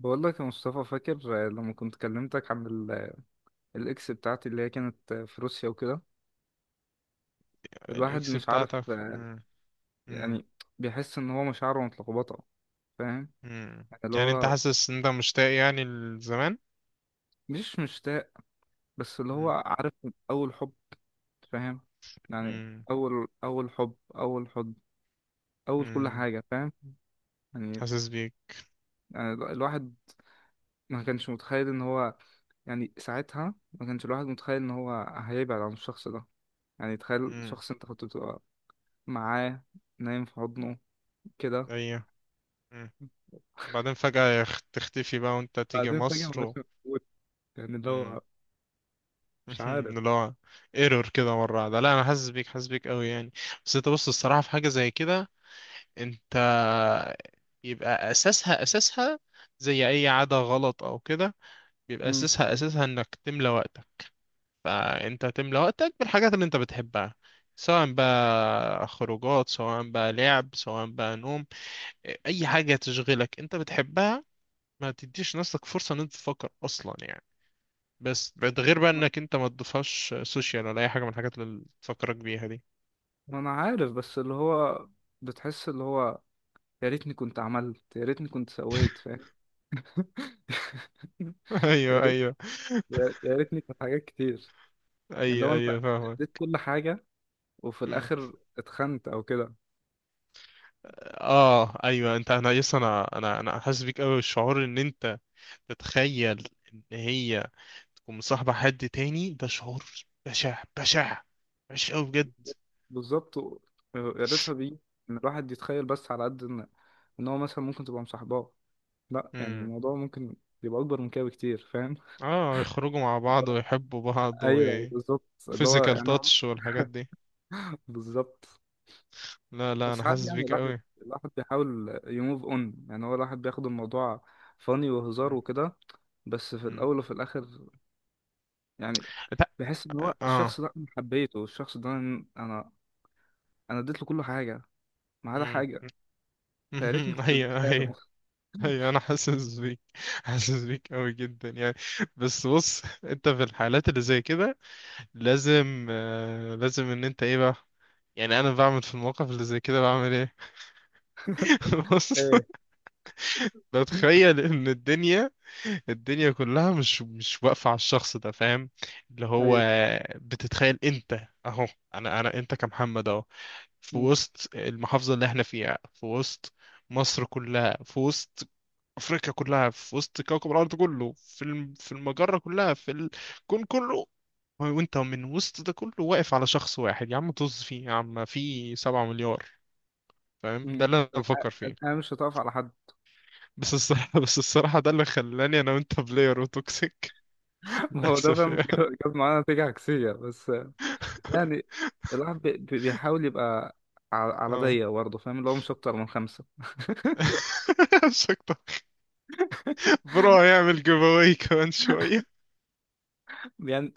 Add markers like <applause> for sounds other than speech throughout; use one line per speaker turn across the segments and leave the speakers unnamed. بقول لك يا مصطفى، فاكر لما كنت كلمتك عن الاكس بتاعتي اللي هي كانت في روسيا وكده؟ الواحد
الاكس
مش عارف،
بتاعتك مم. مم.
يعني بيحس ان هو مشاعره متلخبطه، فاهم؟
مم.
يعني اللي
يعني انت
هو
حاسس ان انت مشتاق يعني لزمان
مش مشتاق، بس اللي هو
مم.
عارف اول حب، فاهم؟ يعني
مم.
اول حب، اول حب اول كل
مم.
حاجه، فاهم؟ يعني
حاسس بيك
يعني الواحد ما كانش متخيل ان هو، يعني ساعتها ما كانش الواحد متخيل ان هو هيبعد عن الشخص ده. يعني تخيل
مم.
شخص انت كنت بتبقى معاه، نايم في حضنه كده،
ايوه مم. بعدين فجأة تختفي بقى وانت تيجي
بعدين فجأة
مصر
مبقاش موجود. يعني اللي
مم.
هو مش
<laughs>
عارف.
اللي هو ايرور كده مرة واحدة. لا انا حاسس بيك حاسس بيك قوي يعني. بس انت بص، الصراحة في حاجة زي كده، انت يبقى اساسها اساسها زي اي عادة غلط او كده بيبقى
مم.
اساسها اساسها انك تملى وقتك، فانت تملى وقتك بالحاجات اللي انت بتحبها، سواء بقى خروجات سواء بقى لعب سواء بقى نوم، اي حاجة تشغلك انت بتحبها، ما تديش نفسك فرصة ان انت تفكر اصلا يعني. بس ده غير بقى انك انت ما تضيفهاش سوشيال ولا اي حاجة من الحاجات اللي تفكرك بيها دي.
ما انا عارف، بس اللي هو بتحس اللي هو يا ريتني كنت عملت، يا ريتني كنت سويت، فاهم؟ <laughs>
<laughs> ايوه
يا ريت،
ايوه.
يا ريتني كانت حاجات كتير. اللي
ايوه
هو انت
ايوه
اديت
فاهمك.
كل حاجة، وفي
مم.
الاخر اتخنت او كده.
اه ايوه، انت انا يس، انا حاسس بيك قوي. الشعور ان انت تتخيل ان هي ومصاحبة حد تاني، ده شعور بشع بشع، وحش أوي بجد.
بالظبط و- يا ريتها بيه. ان الواحد يتخيل بس على قد ان ان هو مثلا ممكن تبقى مصاحباه، لا يعني
امم
الموضوع ممكن يبقى أكبر من كده بكتير، فاهم؟ <laughs>
اه، يخرجوا مع
اللي
بعض
هو-
ويحبوا بعض
أيوه بالظبط، اللي هو
وفيزيكال
يعني هو
تاتش والحاجات دي.
بالظبط.
لا لا انا
بس عادي
حاسس
يعني
بيك
الواحد،
قوي.
الواحد بيحاول يموف اون. يعني هو الواحد بياخد الموضوع فاني وهزار
مم.
وكده، بس في
مم.
الأول وفي الآخر يعني
لا.
بحس إن هو الشخص
اه.
ده أنا حبيته، الشخص ده أنا أنا اديت له كل حاجة ما عدا
مم.
حاجة.
مم.
فيا ريتني
<laughs>
كنت
ايوه
اديتها له.
ايوه. ايوه انا حاسس بيك، حاسس بيك قوي جدا يعني. بس بص انت في الحالات اللي زي كده لازم لازم ان انت ايه بقى. يعني انا بعمل في المواقف اللي زي كده، بعمل ايه؟ <laughs> بص،
ايه؟
لو تخيل ان الدنيا كلها مش واقفة على الشخص ده، فاهم؟ اللي هو
ايوه.
بتتخيل انت اهو، انا انا انت كمحمد اهو في
مم.
وسط المحافظة اللي احنا فيها، في وسط مصر كلها، في وسط افريقيا كلها، في وسط كوكب الارض كله، في في المجرة كلها، في الكون كله، وانت من وسط ده كله واقف على شخص واحد؟ يا عم طز فيه، يا عم في 7 مليار. فاهم؟ ده
مم.
اللي انا بفكر فيه.
الحياة مش هتقف على حد.
بس الصراحة، <laughs> بس الصراحة ده اللي خلاني أنا وأنت بلاير وتوكسيك،
<laughs> ما هو ده
للأسف
فاهم،
يعني.
جاب معانا نتيجة عكسية بس. يعني الواحد بيحاول يبقى على على
اه.
ضيق برضه، فاهم؟ اللي هو مش أكتر من خمسة
<laughs> شكرا. برو هيعمل جيف أواي كمان شوية.
يعني.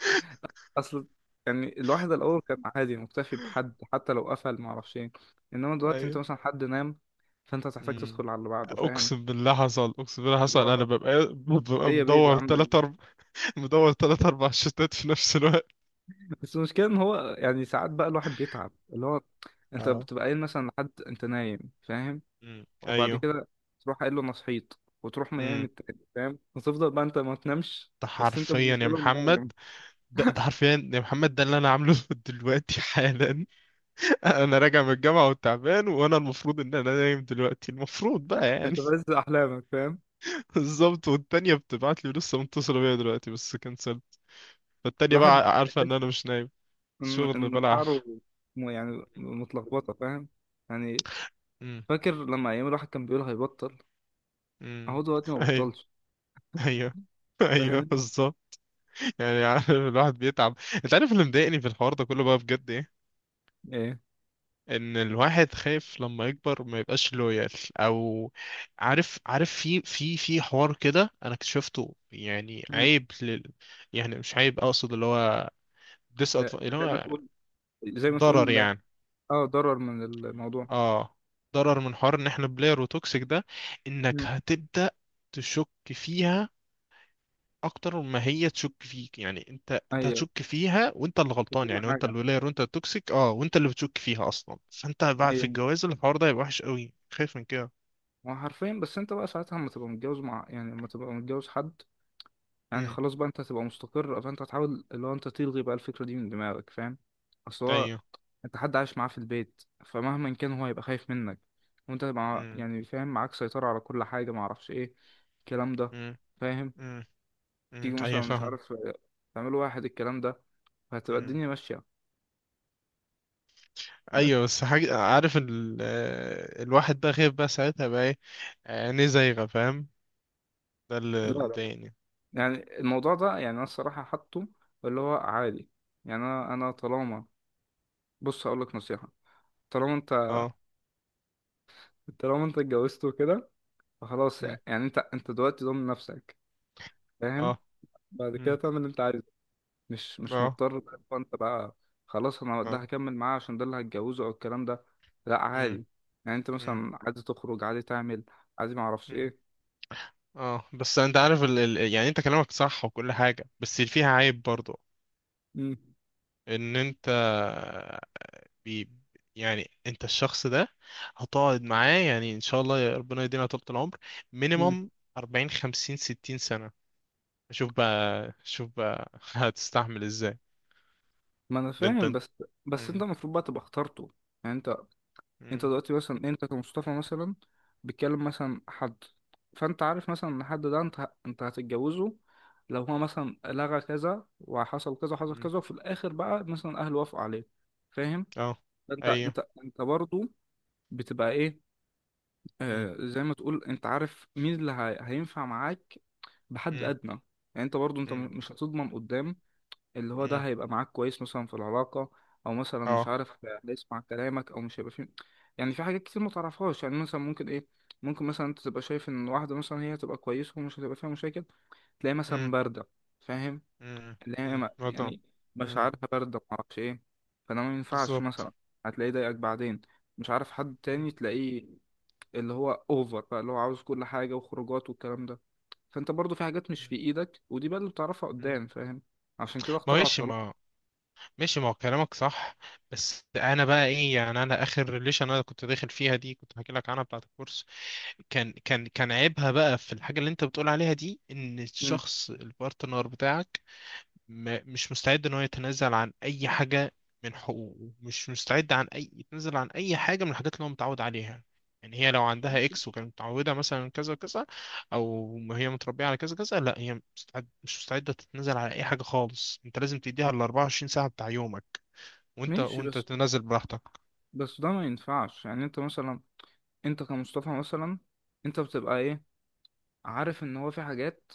أصل يعني الواحد الأول كان عادي مكتفي بحد، حتى لو قفل معرفش إيه. إنما دلوقتي أنت
أيوه.
مثلا حد نام، فأنت هتحتاج
مم.
تدخل على اللي بعده، فاهم؟
أقسم بالله حصل، أقسم بالله
اللي
حصل، أنا
هو
ببقى
إيه يا بيبي
مدور
عاملة
تلات
إيه.
أربع. <laughs> مدور تلات أربع شتات في نفس الوقت.
بس المشكلة إن هو يعني ساعات بقى الواحد بيتعب، اللي هو أنت
اه.
بتبقى قايل مثلا لحد أنت نايم، فاهم؟
مم.
وبعد
أيوه.
كده تروح قايل له أنا صحيت، وتروح نايم
مم.
التاني، فاهم؟ وتفضل بقى أنت ما تنامش،
ده
بس أنت
حرفيا يا
بالنسبة لهم
محمد،
نايم.
ده حرفيا يا محمد، ده اللي أنا عامله <laughs> دلوقتي حالا. <laughs> انا راجع من الجامعه وتعبان، وانا المفروض ان انا نايم دلوقتي، المفروض بقى يعني.
انت بس احلامك، فاهم؟
<laughs> بالظبط. والتانيه بتبعت لي، لسه متصله بيا دلوقتي بس كنسلت، فالتانيه
الواحد
بقى عارفه ان
بيحس
انا مش نايم.
ان
شغل
ان شعره
بلح.
يعني متلخبطه، فاهم؟ يعني
امم
فاكر لما ايام الواحد كان بيقول هيبطل؟
امم
اهو دلوقتي ما
ايوه
بطلش.
ايوه. <laughs> ايوه
فاهمني؟
بالظبط. يعني <laughs> عارف، الواحد بيتعب. انت عارف اللي مضايقني في الحوار ده كله بقى بجد ايه؟
ايه.
ان الواحد خايف لما يكبر ما يبقاش لويال. او عارف، في حوار كده انا اكتشفته، يعني
مم.
عيب يعني مش عيب، اقصد اللي هو ديس،
آه،
اللي
زي ما
هو
تقول، زي ما
ضرر
تقول.
يعني.
اه ضرر من الموضوع.
اه، ضرر من حوار ان احنا بلاير وتوكسيك ده، انك
مم.
هتبدأ تشك فيها اكتر ما هي تشك فيك. يعني انت
ايوه
هتشك فيها، وانت اللي
في
غلطان
كل
يعني، وانت
حاجه.
اللي بلاير، وانت التوكسيك اه، وانت اللي بتشك فيها اصلا، فانت بقى في
ايوه
الجواز الحوار ده هيبقى وحش قوي، خايف من كده
هو حرفيا. بس انت بقى ساعتها لما تبقى متجوز مع يعني لما تبقى متجوز حد، يعني خلاص بقى انت هتبقى مستقر، فانت هتحاول اللي هو انت تلغي بقى الفكرة دي من دماغك، فاهم؟ اصل هو
ايوه.
انت حد عايش معاه في البيت، فمهما كان هو هيبقى خايف منك. وانت مع،
امم
يعني فاهم، معاك سيطرة على كل حاجة، معرفش ايه الكلام ده،
امم
فاهم؟
امم امم.
تيجي
ايوه
مثلا مش
فاهم.
عارف اه، تعملوا واحد الكلام ده، فهتبقى
امم.
الدنيا ماشية.
ايوه
بس
بس حاجه، عارف الواحد بقى خايف بقى ساعتها بقى ايه، عينيه زايغه فاهم، ده
لا
اللي
لا لا.
مضايقني.
يعني الموضوع ده يعني انا الصراحة حاطه اللي هو عادي. يعني انا طالما، بص هقول لك نصيحة، طالما انت،
اه.
طالما انت اتجوزت وكده، فخلاص
امم.
يعني انت دلوقتي ضامن نفسك، فاهم؟
اه.
بعد كده
امم.
تعمل اللي انت عايزه. مش مش
اه.
مضطر بقى اللي هو انت بقى خلاص انا ده
اه.
هكمل معاه عشان ده اللي هتجوزه او الكلام ده، لا
امم
عادي. يعني انت
امم.
مثلا عادي تخرج، عادي تعمل، عادي ما اعرفش
أمم.
ايه.
اه بس انت عارف يعني، انت كلامك صح وكل حاجه، بس اللي فيها عيب برضو
مم.
ان انت بي يعني، انت الشخص ده هتقعد معاه يعني ان شاء الله يا ربنا يدينا طول العمر،
مم.
مينيمم 40 50 60 سنة، شوف بقى شوف بقى <laughs> هتستحمل ازاي؟
ما انا
ده انت.
فاهم، بس بس انت
مم.
المفروض بقى تبقى اخترته. يعني انت
مم.
دلوقتي مثلا انت كمصطفى مثلا بتكلم مثلا حد، فانت عارف مثلا ان الحد ده انت هتتجوزه. لو هو مثلا لغى كذا وحصل كذا وحصل
مم.
كذا، وفي الاخر بقى مثلا اهله وافقوا عليه، فاهم؟
اه.
انت
ايوه.
انت انت برضه بتبقى ايه،
مم.
آه زي ما تقول، انت عارف مين هينفع معاك بحد
مم.
ادنى. يعني انت برضه انت
مم.
مش هتضمن قدام اللي هو ده
مم.
هيبقى معاك كويس مثلا في العلاقة، أو مثلا مش
اه.
عارف هيسمع كلامك أو مش هيبقى فيه. يعني في حاجات كتير ما تعرفهاش، يعني مثلا ممكن إيه، ممكن مثلا أنت تبقى شايف إن واحدة مثلا هي هتبقى كويسة ومش هتبقى فيها مشاكل، تلاقي
مم.
مثلا باردة، فاهم؟
مم.
اللي هي
مم.
ما-
وضع.
يعني
مم.
مشاعرها باردة معرفش إيه، فده ما ينفعش
بالظبط.
مثلا. هتلاقيه ضايقك بعدين، مش عارف، حد
مم.
تاني تلاقيه اللي هو أوفر بقى، اللي هو عاوز كل حاجة وخروجات والكلام ده. فأنت برضو في حاجات مش في
مم.
إيدك، ودي بقى اللي بتعرفها
مم.
قدام، فاهم؟ عشان كده اخترعوا
ماشي
الطلاق.
ما ماشي، ما هو كلامك صح، بس انا بقى ايه؟ يعني انا اخر ريليشن انا كنت داخل فيها دي، كنت هحكي لك عنها بتاعت الكورس، كان عيبها بقى في الحاجة اللي انت بتقول عليها دي، ان الشخص البارتنر بتاعك ما مش مستعد ان هو يتنازل عن اي حاجة من حقوقه، مش مستعد عن اي يتنازل عن اي حاجة من الحاجات اللي هو متعود عليها. يعني هي لو عندها اكس وكانت متعودة مثلا كذا كذا، او ما هي متربية على كذا كذا، لا، هي مش مستعدة تتنازل على اي حاجة خالص. انت لازم تديها ال 24 ساعة بتاع يومك، وانت
ماشي بس،
تنازل براحتك.
بس ده ما ينفعش. يعني انت مثلا انت كمصطفى مثلا انت بتبقى ايه عارف ان هو في حاجات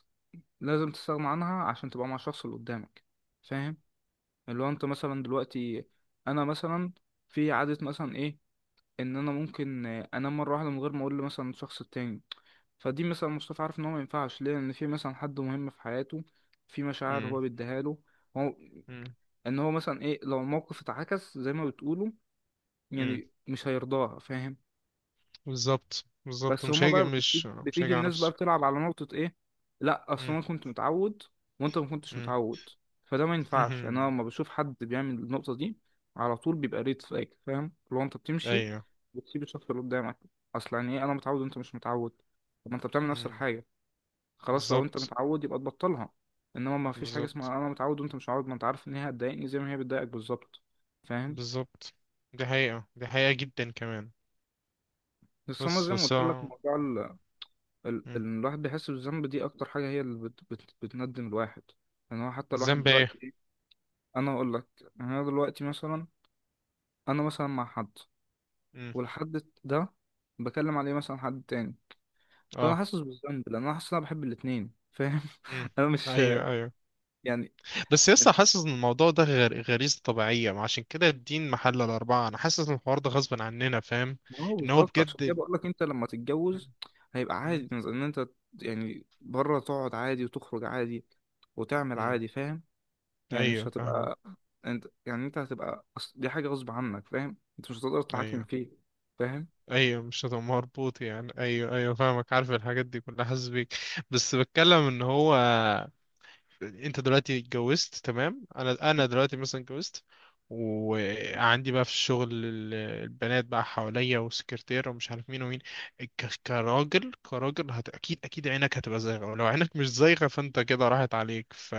لازم تستغنى عنها عشان تبقى مع الشخص اللي قدامك، فاهم؟ اللي هو انت مثلا دلوقتي، انا مثلا في عادة مثلا ايه، ان انا ممكن آه، انام مرة واحدة من غير ما اقول له مثلا الشخص التاني. فدي مثلا مصطفى عارف ان هو ما ينفعش ليه ان في مثلا حد مهم في حياته، في مشاعر
امم.
هو بيديها له هو،
امم.
ان هو مثلا ايه لو الموقف اتعكس زي ما بتقولوا،
امم.
يعني مش هيرضاها، فاهم؟
بالظبط بالظبط،
بس
مش
هما
هيجي،
بقى بتيجي
مش
بتيجي
هيجي على
الناس بقى
نفسه.
بتلعب على نقطة ايه، لا اصل
مم.
انا كنت متعود وانت ما كنتش
مم.
متعود، فده ما ينفعش. يعني انا لما
<laughs>
بشوف حد بيعمل النقطة دي، على طول بيبقى ريد فلاج، فاهم؟ لو انت بتمشي
ايوه.
بتسيب الشخص اللي قدامك. اصل يعني ايه انا متعود وانت مش متعود؟ طب ما انت بتعمل نفس
مم.
الحاجة، خلاص لو انت
بالظبط
متعود يبقى تبطلها. انما ما فيش حاجة
بالظبط
اسمها انا متعود وانت مش متعود، ما انت عارف ان هي هتضايقني زي ما هي بتضايقك بالظبط، فاهم؟
بالظبط، دي حقيقة، دي حقيقة جدا كمان.
بس انا زي ما
بس
قلت لك موضوع
مم.
الواحد بيحس بالذنب دي اكتر حاجه هي اللي بت بت بتندم الواحد. يعني هو حتى الواحد
الذنب ايه؟
دلوقتي إيه؟ انا اقول لك. يعني انا دلوقتي مثلا، انا مثلا مع حد،
مم.
والحد ده بكلم عليه مثلا حد تاني، فانا
اه.
حاسس بالذنب لان انا حاسس ان انا بحب الاتنين، فاهم؟
مم.
<laughs> انا مش
ايوه ايوه.
يعني.
بس لسه حاسس ان الموضوع ده غير غريزة طبيعية، ما عشان كده الدين محل الأربعة، انا حاسس ان الحوار ده غصب عننا فاهم؟
ما هو
ان هو
بالظبط، عشان كده
بجد.
بقول لك انت لما
مم.
تتجوز هيبقى
مم.
عادي ان انت، يعني بره تقعد عادي وتخرج عادي وتعمل
مم.
عادي، فاهم؟ يعني
ايوه
مش
فاهمك.
هتبقى انت، يعني انت هتبقى دي حاجة غصب عنك، فاهم؟ انت مش هتقدر تتحكم
ايوه
فيه، فاهم؟
ايوه، مش هتبقى مربوط يعني، ايوه ايوه فاهمك، عارف الحاجات دي كلها، حاسس بيك. بس بتكلم ان هو، انت دلوقتي اتجوزت تمام، انا دلوقتي مثلا اتجوزت، وعندي بقى في الشغل البنات بقى حواليا وسكرتيرة ومش عارف مين ومين، كراجل كراجل اكيد اكيد عينك هتبقى زايغة، ولو عينك مش زايغة فانت كده راحت عليك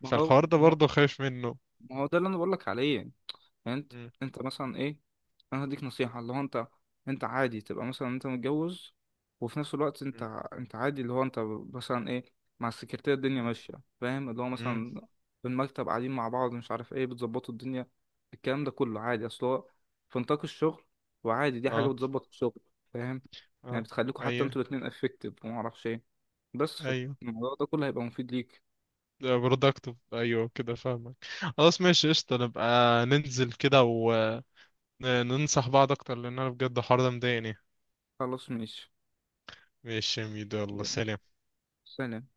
ما هو
فالحوار ده
ما هو
برضه خايف منه.
ما هو ده اللي انا بقول لك عليه. يعني انت
مم.
انت مثلا ايه، انا هديك نصيحة اللي هو انت، انت عادي تبقى مثلا انت متجوز وفي نفس الوقت انت
مم.
انت عادي اللي هو انت مثلا ايه مع السكرتيرة، الدنيا
مم.
ماشية، فاهم؟ اللي هو
مم.
مثلا في المكتب قاعدين مع بعض مش عارف ايه بتظبطوا الدنيا، الكلام ده كله عادي اصل هو في نطاق الشغل، وعادي دي حاجة
اه.
بتظبط الشغل، فاهم؟ يعني
اه.
بتخليكوا حتى
ايوه
انتوا الاتنين افكتيف ومعرفش ايه، بس
ايوه،
فالموضوع ده كله هيبقى مفيد ليك.
برودكتيف ايوه، كده فاهمك. خلاص ماشي قشطة، نبقى ننزل كده وننصح بعض اكتر، لان انا بجد الحوار ده مضايقني.
خلاص ماشي.
ماشي يا ميدو، يلا
يلا.
سلام.
سلام